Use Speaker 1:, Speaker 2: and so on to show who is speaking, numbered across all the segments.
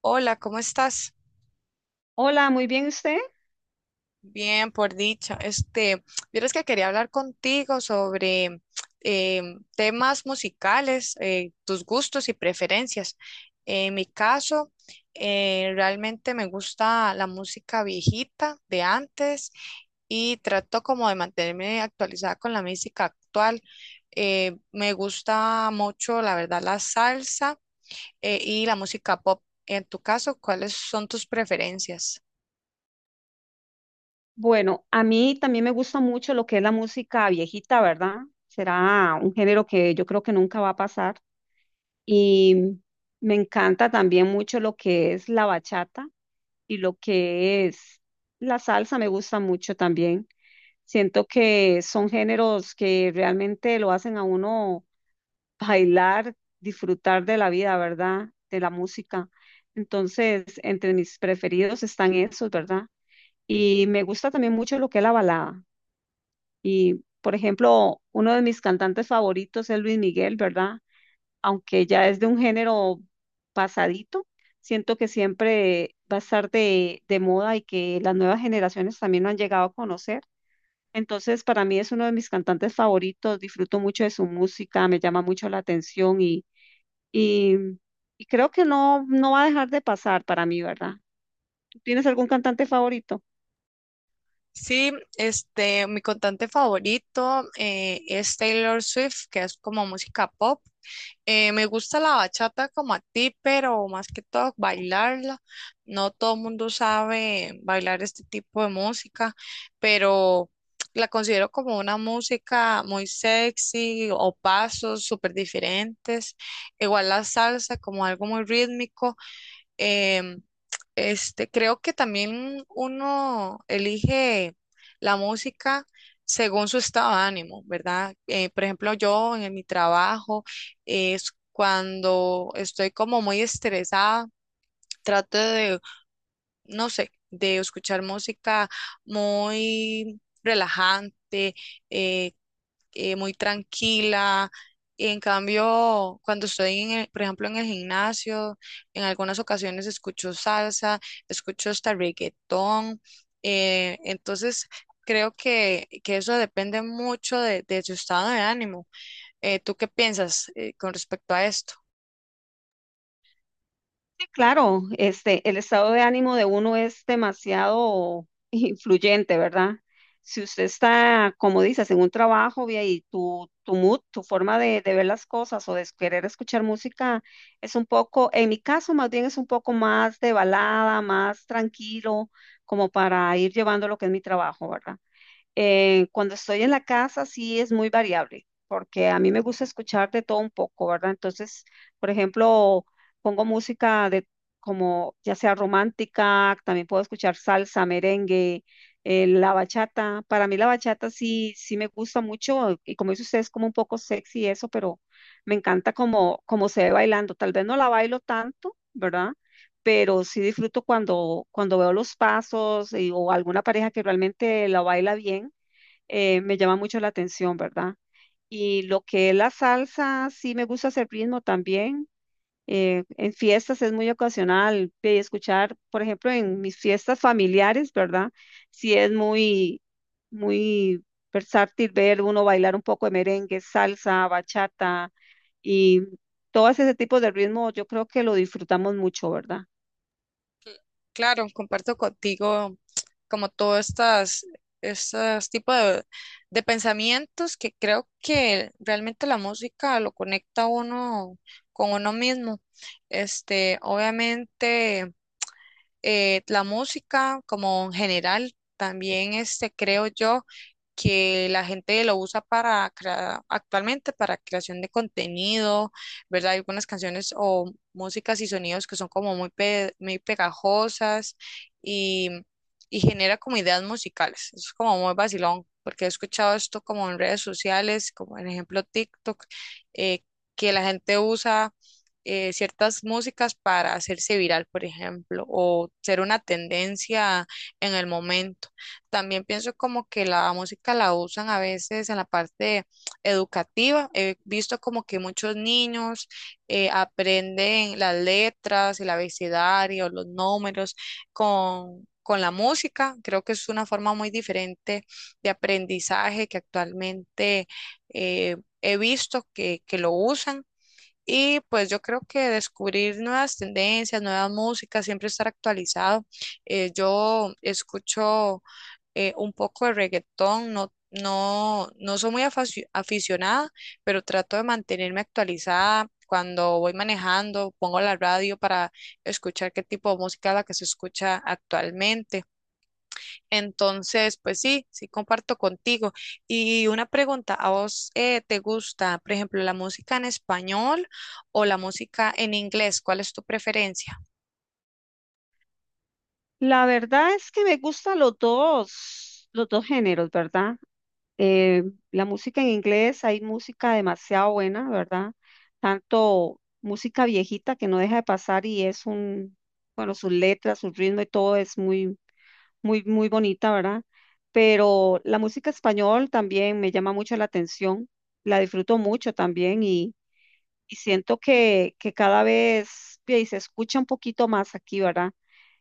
Speaker 1: Hola, ¿cómo estás?
Speaker 2: Hola, muy bien usted.
Speaker 1: Bien, por dicha. Vieras que quería hablar contigo sobre temas musicales, tus gustos y preferencias. En mi caso, realmente me gusta la música viejita de antes y trato como de mantenerme actualizada con la música actual. Me gusta mucho, la verdad, la salsa y la música pop. En tu caso, ¿cuáles son tus preferencias?
Speaker 2: Bueno, a mí también me gusta mucho lo que es la música viejita, ¿verdad? Será un género que yo creo que nunca va a pasar. Y me encanta también mucho lo que es la bachata y lo que es la salsa, me gusta mucho también. Siento que son géneros que realmente lo hacen a uno bailar, disfrutar de la vida, ¿verdad? De la música. Entonces, entre mis preferidos están esos, ¿verdad? Y me gusta también mucho lo que es la balada. Y, por ejemplo, uno de mis cantantes favoritos es Luis Miguel, ¿verdad? Aunque ya es de un género pasadito, siento que siempre va a estar de moda y que las nuevas generaciones también lo han llegado a conocer. Entonces, para mí es uno de mis cantantes favoritos, disfruto mucho de su música, me llama mucho la atención y, y creo que no, no va a dejar de pasar para mí, ¿verdad? ¿Tú tienes algún cantante favorito?
Speaker 1: Sí, mi cantante favorito es Taylor Swift, que es como música pop. Me gusta la bachata como a ti, pero más que todo bailarla. No todo el mundo sabe bailar este tipo de música, pero la considero como una música muy sexy o pasos súper diferentes. Igual la salsa como algo muy rítmico. Em, creo que también uno elige la música según su estado de ánimo, ¿verdad? Por ejemplo, yo en mi trabajo es cuando estoy como muy estresada, trato de no sé, de escuchar música muy relajante, eh, muy tranquila. En cambio, cuando estoy, por ejemplo, en el gimnasio, en algunas ocasiones escucho salsa, escucho hasta reggaetón. Entonces, creo que eso depende mucho de su estado de ánimo. ¿Tú qué piensas, con respecto a esto?
Speaker 2: Sí, claro, este, el estado de ánimo de uno es demasiado influyente, ¿verdad? Si usted está, como dices, en un trabajo vía, y tu mood, tu forma de ver las cosas o de querer escuchar música es un poco, en mi caso más bien es un poco más de balada, más tranquilo, como para ir llevando lo que es mi trabajo, ¿verdad? Cuando estoy en la casa sí es muy variable, porque a mí me gusta escuchar de todo un poco, ¿verdad? Entonces, por ejemplo, pongo música de como ya sea romántica, también puedo escuchar salsa, merengue, la bachata. Para mí la bachata sí, sí me gusta mucho y como dice usted es como un poco sexy y eso, pero me encanta como, como se ve bailando. Tal vez no la bailo tanto, ¿verdad? Pero sí disfruto cuando, cuando veo los pasos y- o alguna pareja que realmente la baila bien, me llama mucho la atención, ¿verdad? Y lo que es la salsa, sí me gusta hacer ritmo también. En fiestas es muy ocasional escuchar, por ejemplo, en mis fiestas familiares, ¿verdad? Sí es muy, muy versátil ver uno bailar un poco de merengue, salsa, bachata y todo ese tipo de ritmo, yo creo que lo disfrutamos mucho, ¿verdad?
Speaker 1: Claro, comparto contigo como todos estos tipos de pensamientos que creo que realmente la música lo conecta a uno con uno mismo. Este, obviamente la música como en general, también este, creo yo que la gente lo usa para actualmente para creación de contenido, ¿verdad? Hay algunas canciones o músicas y sonidos que son como muy, muy pegajosas y, y genera como ideas musicales. Eso es como muy vacilón, porque he escuchado esto como en redes sociales, como en ejemplo TikTok, eh, que la gente usa ciertas músicas para hacerse viral, por ejemplo, o ser una tendencia en el momento. También pienso como que la música la usan a veces en la parte educativa. He visto como que muchos niños aprenden las letras, el abecedario, los números con la música, creo que es una forma muy diferente de aprendizaje que actualmente eh, he visto que lo usan. Y pues yo creo que descubrir nuevas tendencias, nuevas músicas, siempre estar actualizado. Yo escucho un poco de reggaetón, no soy muy aficionada, pero trato de mantenerme actualizada. Cuando voy manejando, pongo la radio para escuchar qué tipo de música es la que se escucha actualmente. Entonces, pues sí, sí comparto contigo. Y una pregunta, ¿a vos te gusta, por ejemplo, la música en español o la música en inglés? ¿Cuál es tu preferencia?
Speaker 2: La verdad es que me gustan los dos géneros, ¿verdad? Eh, la música en inglés, hay música demasiado buena, ¿verdad? Tanto música viejita que no deja de pasar y es un, bueno, sus letras, su ritmo y todo es muy, muy, muy bonita, ¿verdad? Pero la música español también me llama mucho la atención, la disfruto mucho también y siento que cada vez bien, se escucha un poquito más aquí, ¿verdad?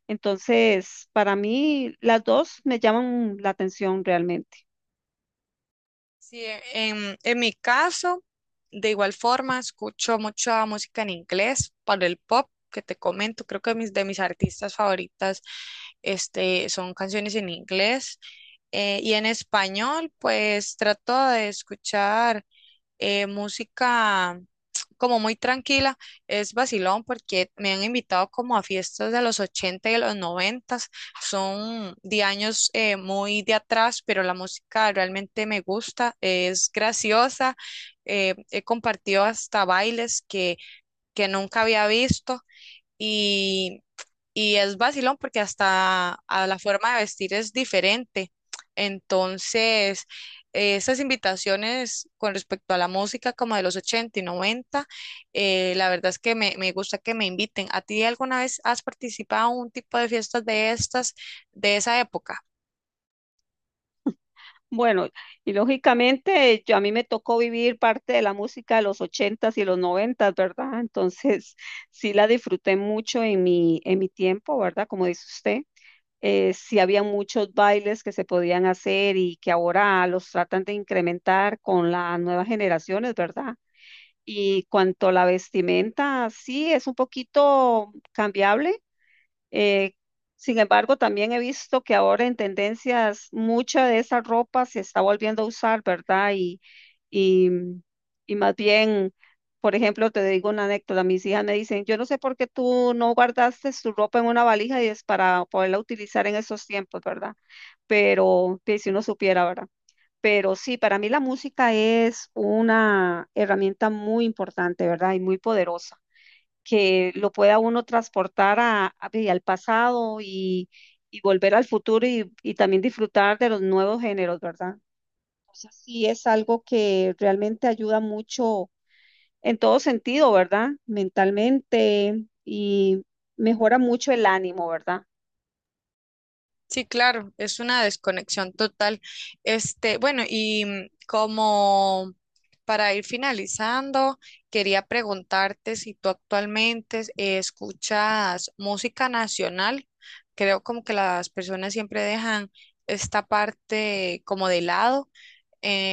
Speaker 2: Entonces, para mí, las dos me llaman la atención realmente.
Speaker 1: Sí, en mi caso, de igual forma, escucho mucha música en inglés para el pop que te comento. Creo que de mis artistas favoritas este, son canciones en inglés. Y en español, pues trato de escuchar música como muy tranquila, es vacilón porque me han invitado como a fiestas de los 80 y de los 90, son de años muy de atrás, pero la música realmente me gusta, es graciosa, he compartido hasta bailes que nunca había visto. Y y es vacilón porque hasta a la forma de vestir es diferente. Entonces, esas invitaciones con respecto a la música como de los 80 y 90 la verdad es que me gusta que me inviten. ¿A ti alguna vez has participado en un tipo de fiestas de estas, de esa época?
Speaker 2: Bueno, y lógicamente yo a mí me tocó vivir parte de la música de los ochentas y los noventas, ¿verdad? Entonces sí la disfruté mucho en mi tiempo, ¿verdad? Como dice usted, sí había muchos bailes que se podían hacer y que ahora los tratan de incrementar con las nuevas generaciones, ¿verdad? Y cuanto a la vestimenta, sí es un poquito cambiable, eh, sin embargo, también he visto que ahora en tendencias mucha de esa ropa se está volviendo a usar, ¿verdad? Y, y más bien, por ejemplo, te digo una anécdota, mis hijas me dicen, yo no sé por qué tú no guardaste tu ropa en una valija y es para poderla utilizar en esos tiempos, ¿verdad? Pero que si uno supiera, ¿verdad? Pero sí, para mí la música es una herramienta muy importante, ¿verdad? Y muy poderosa que lo pueda uno transportar a- y al pasado y volver al futuro y también disfrutar de los nuevos géneros, ¿verdad? Entonces sí es algo que realmente ayuda mucho en todo sentido, ¿verdad? Mentalmente y mejora mucho el ánimo, ¿verdad?
Speaker 1: Sí, claro, es una desconexión total. Este, bueno, y mm, como para ir finalizando, quería preguntarte si tú actualmente escuchas música nacional. Creo como que las personas siempre dejan esta parte como de lado.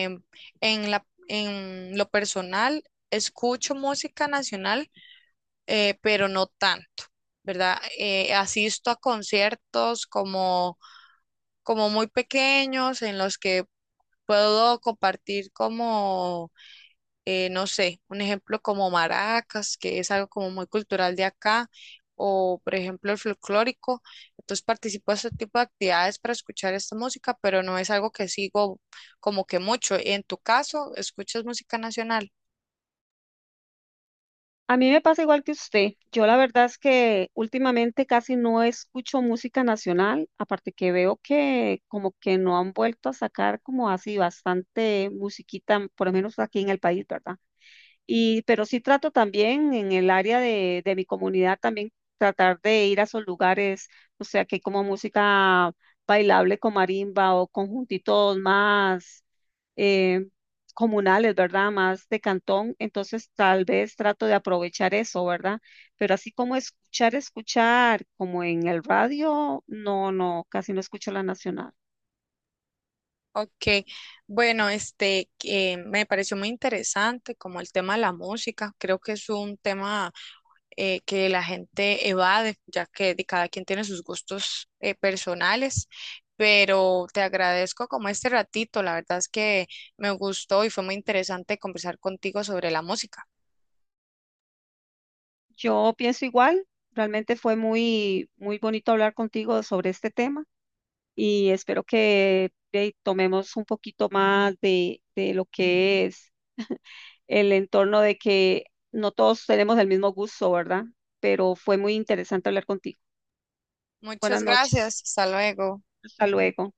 Speaker 1: Em, en en lo personal, escucho música nacional, pero no tanto, ¿verdad? Asisto a conciertos como muy pequeños en los que puedo compartir como, no sé, un ejemplo como maracas, que es algo como muy cultural de acá, o por ejemplo el folclórico. Entonces participo de este tipo de actividades para escuchar esta música, pero no es algo que sigo como que mucho. En tu caso, ¿escuchas música nacional?
Speaker 2: A mí me pasa igual que usted. Yo la verdad es que últimamente casi no escucho música nacional, aparte que veo que como que no han vuelto a sacar como así bastante musiquita, por lo menos aquí en el país, ¿verdad? Y, pero sí trato también en el área de mi comunidad también tratar de ir a esos lugares, o sea, que hay como música bailable con marimba o conjuntitos más, eh, comunales, ¿verdad? Más de cantón. Entonces tal vez trato de aprovechar eso, ¿verdad? Pero así como escuchar, escuchar, como en el radio, no, no, casi no escucho la nacional.
Speaker 1: Ok, bueno, este me pareció muy interesante como el tema de la música. Creo que es un tema que la gente evade, ya que cada quien tiene sus gustos personales. Pero te agradezco como este ratito, la verdad es que me gustó y fue muy interesante conversar contigo sobre la música.
Speaker 2: Yo pienso igual. Realmente fue muy, muy bonito hablar contigo sobre este tema. Y espero que tomemos un poquito más de lo que es el entorno de que no todos tenemos el mismo gusto, ¿verdad? Pero fue muy interesante hablar contigo. Buenas
Speaker 1: Muchas
Speaker 2: noches.
Speaker 1: gracias, hasta luego.
Speaker 2: Hasta luego.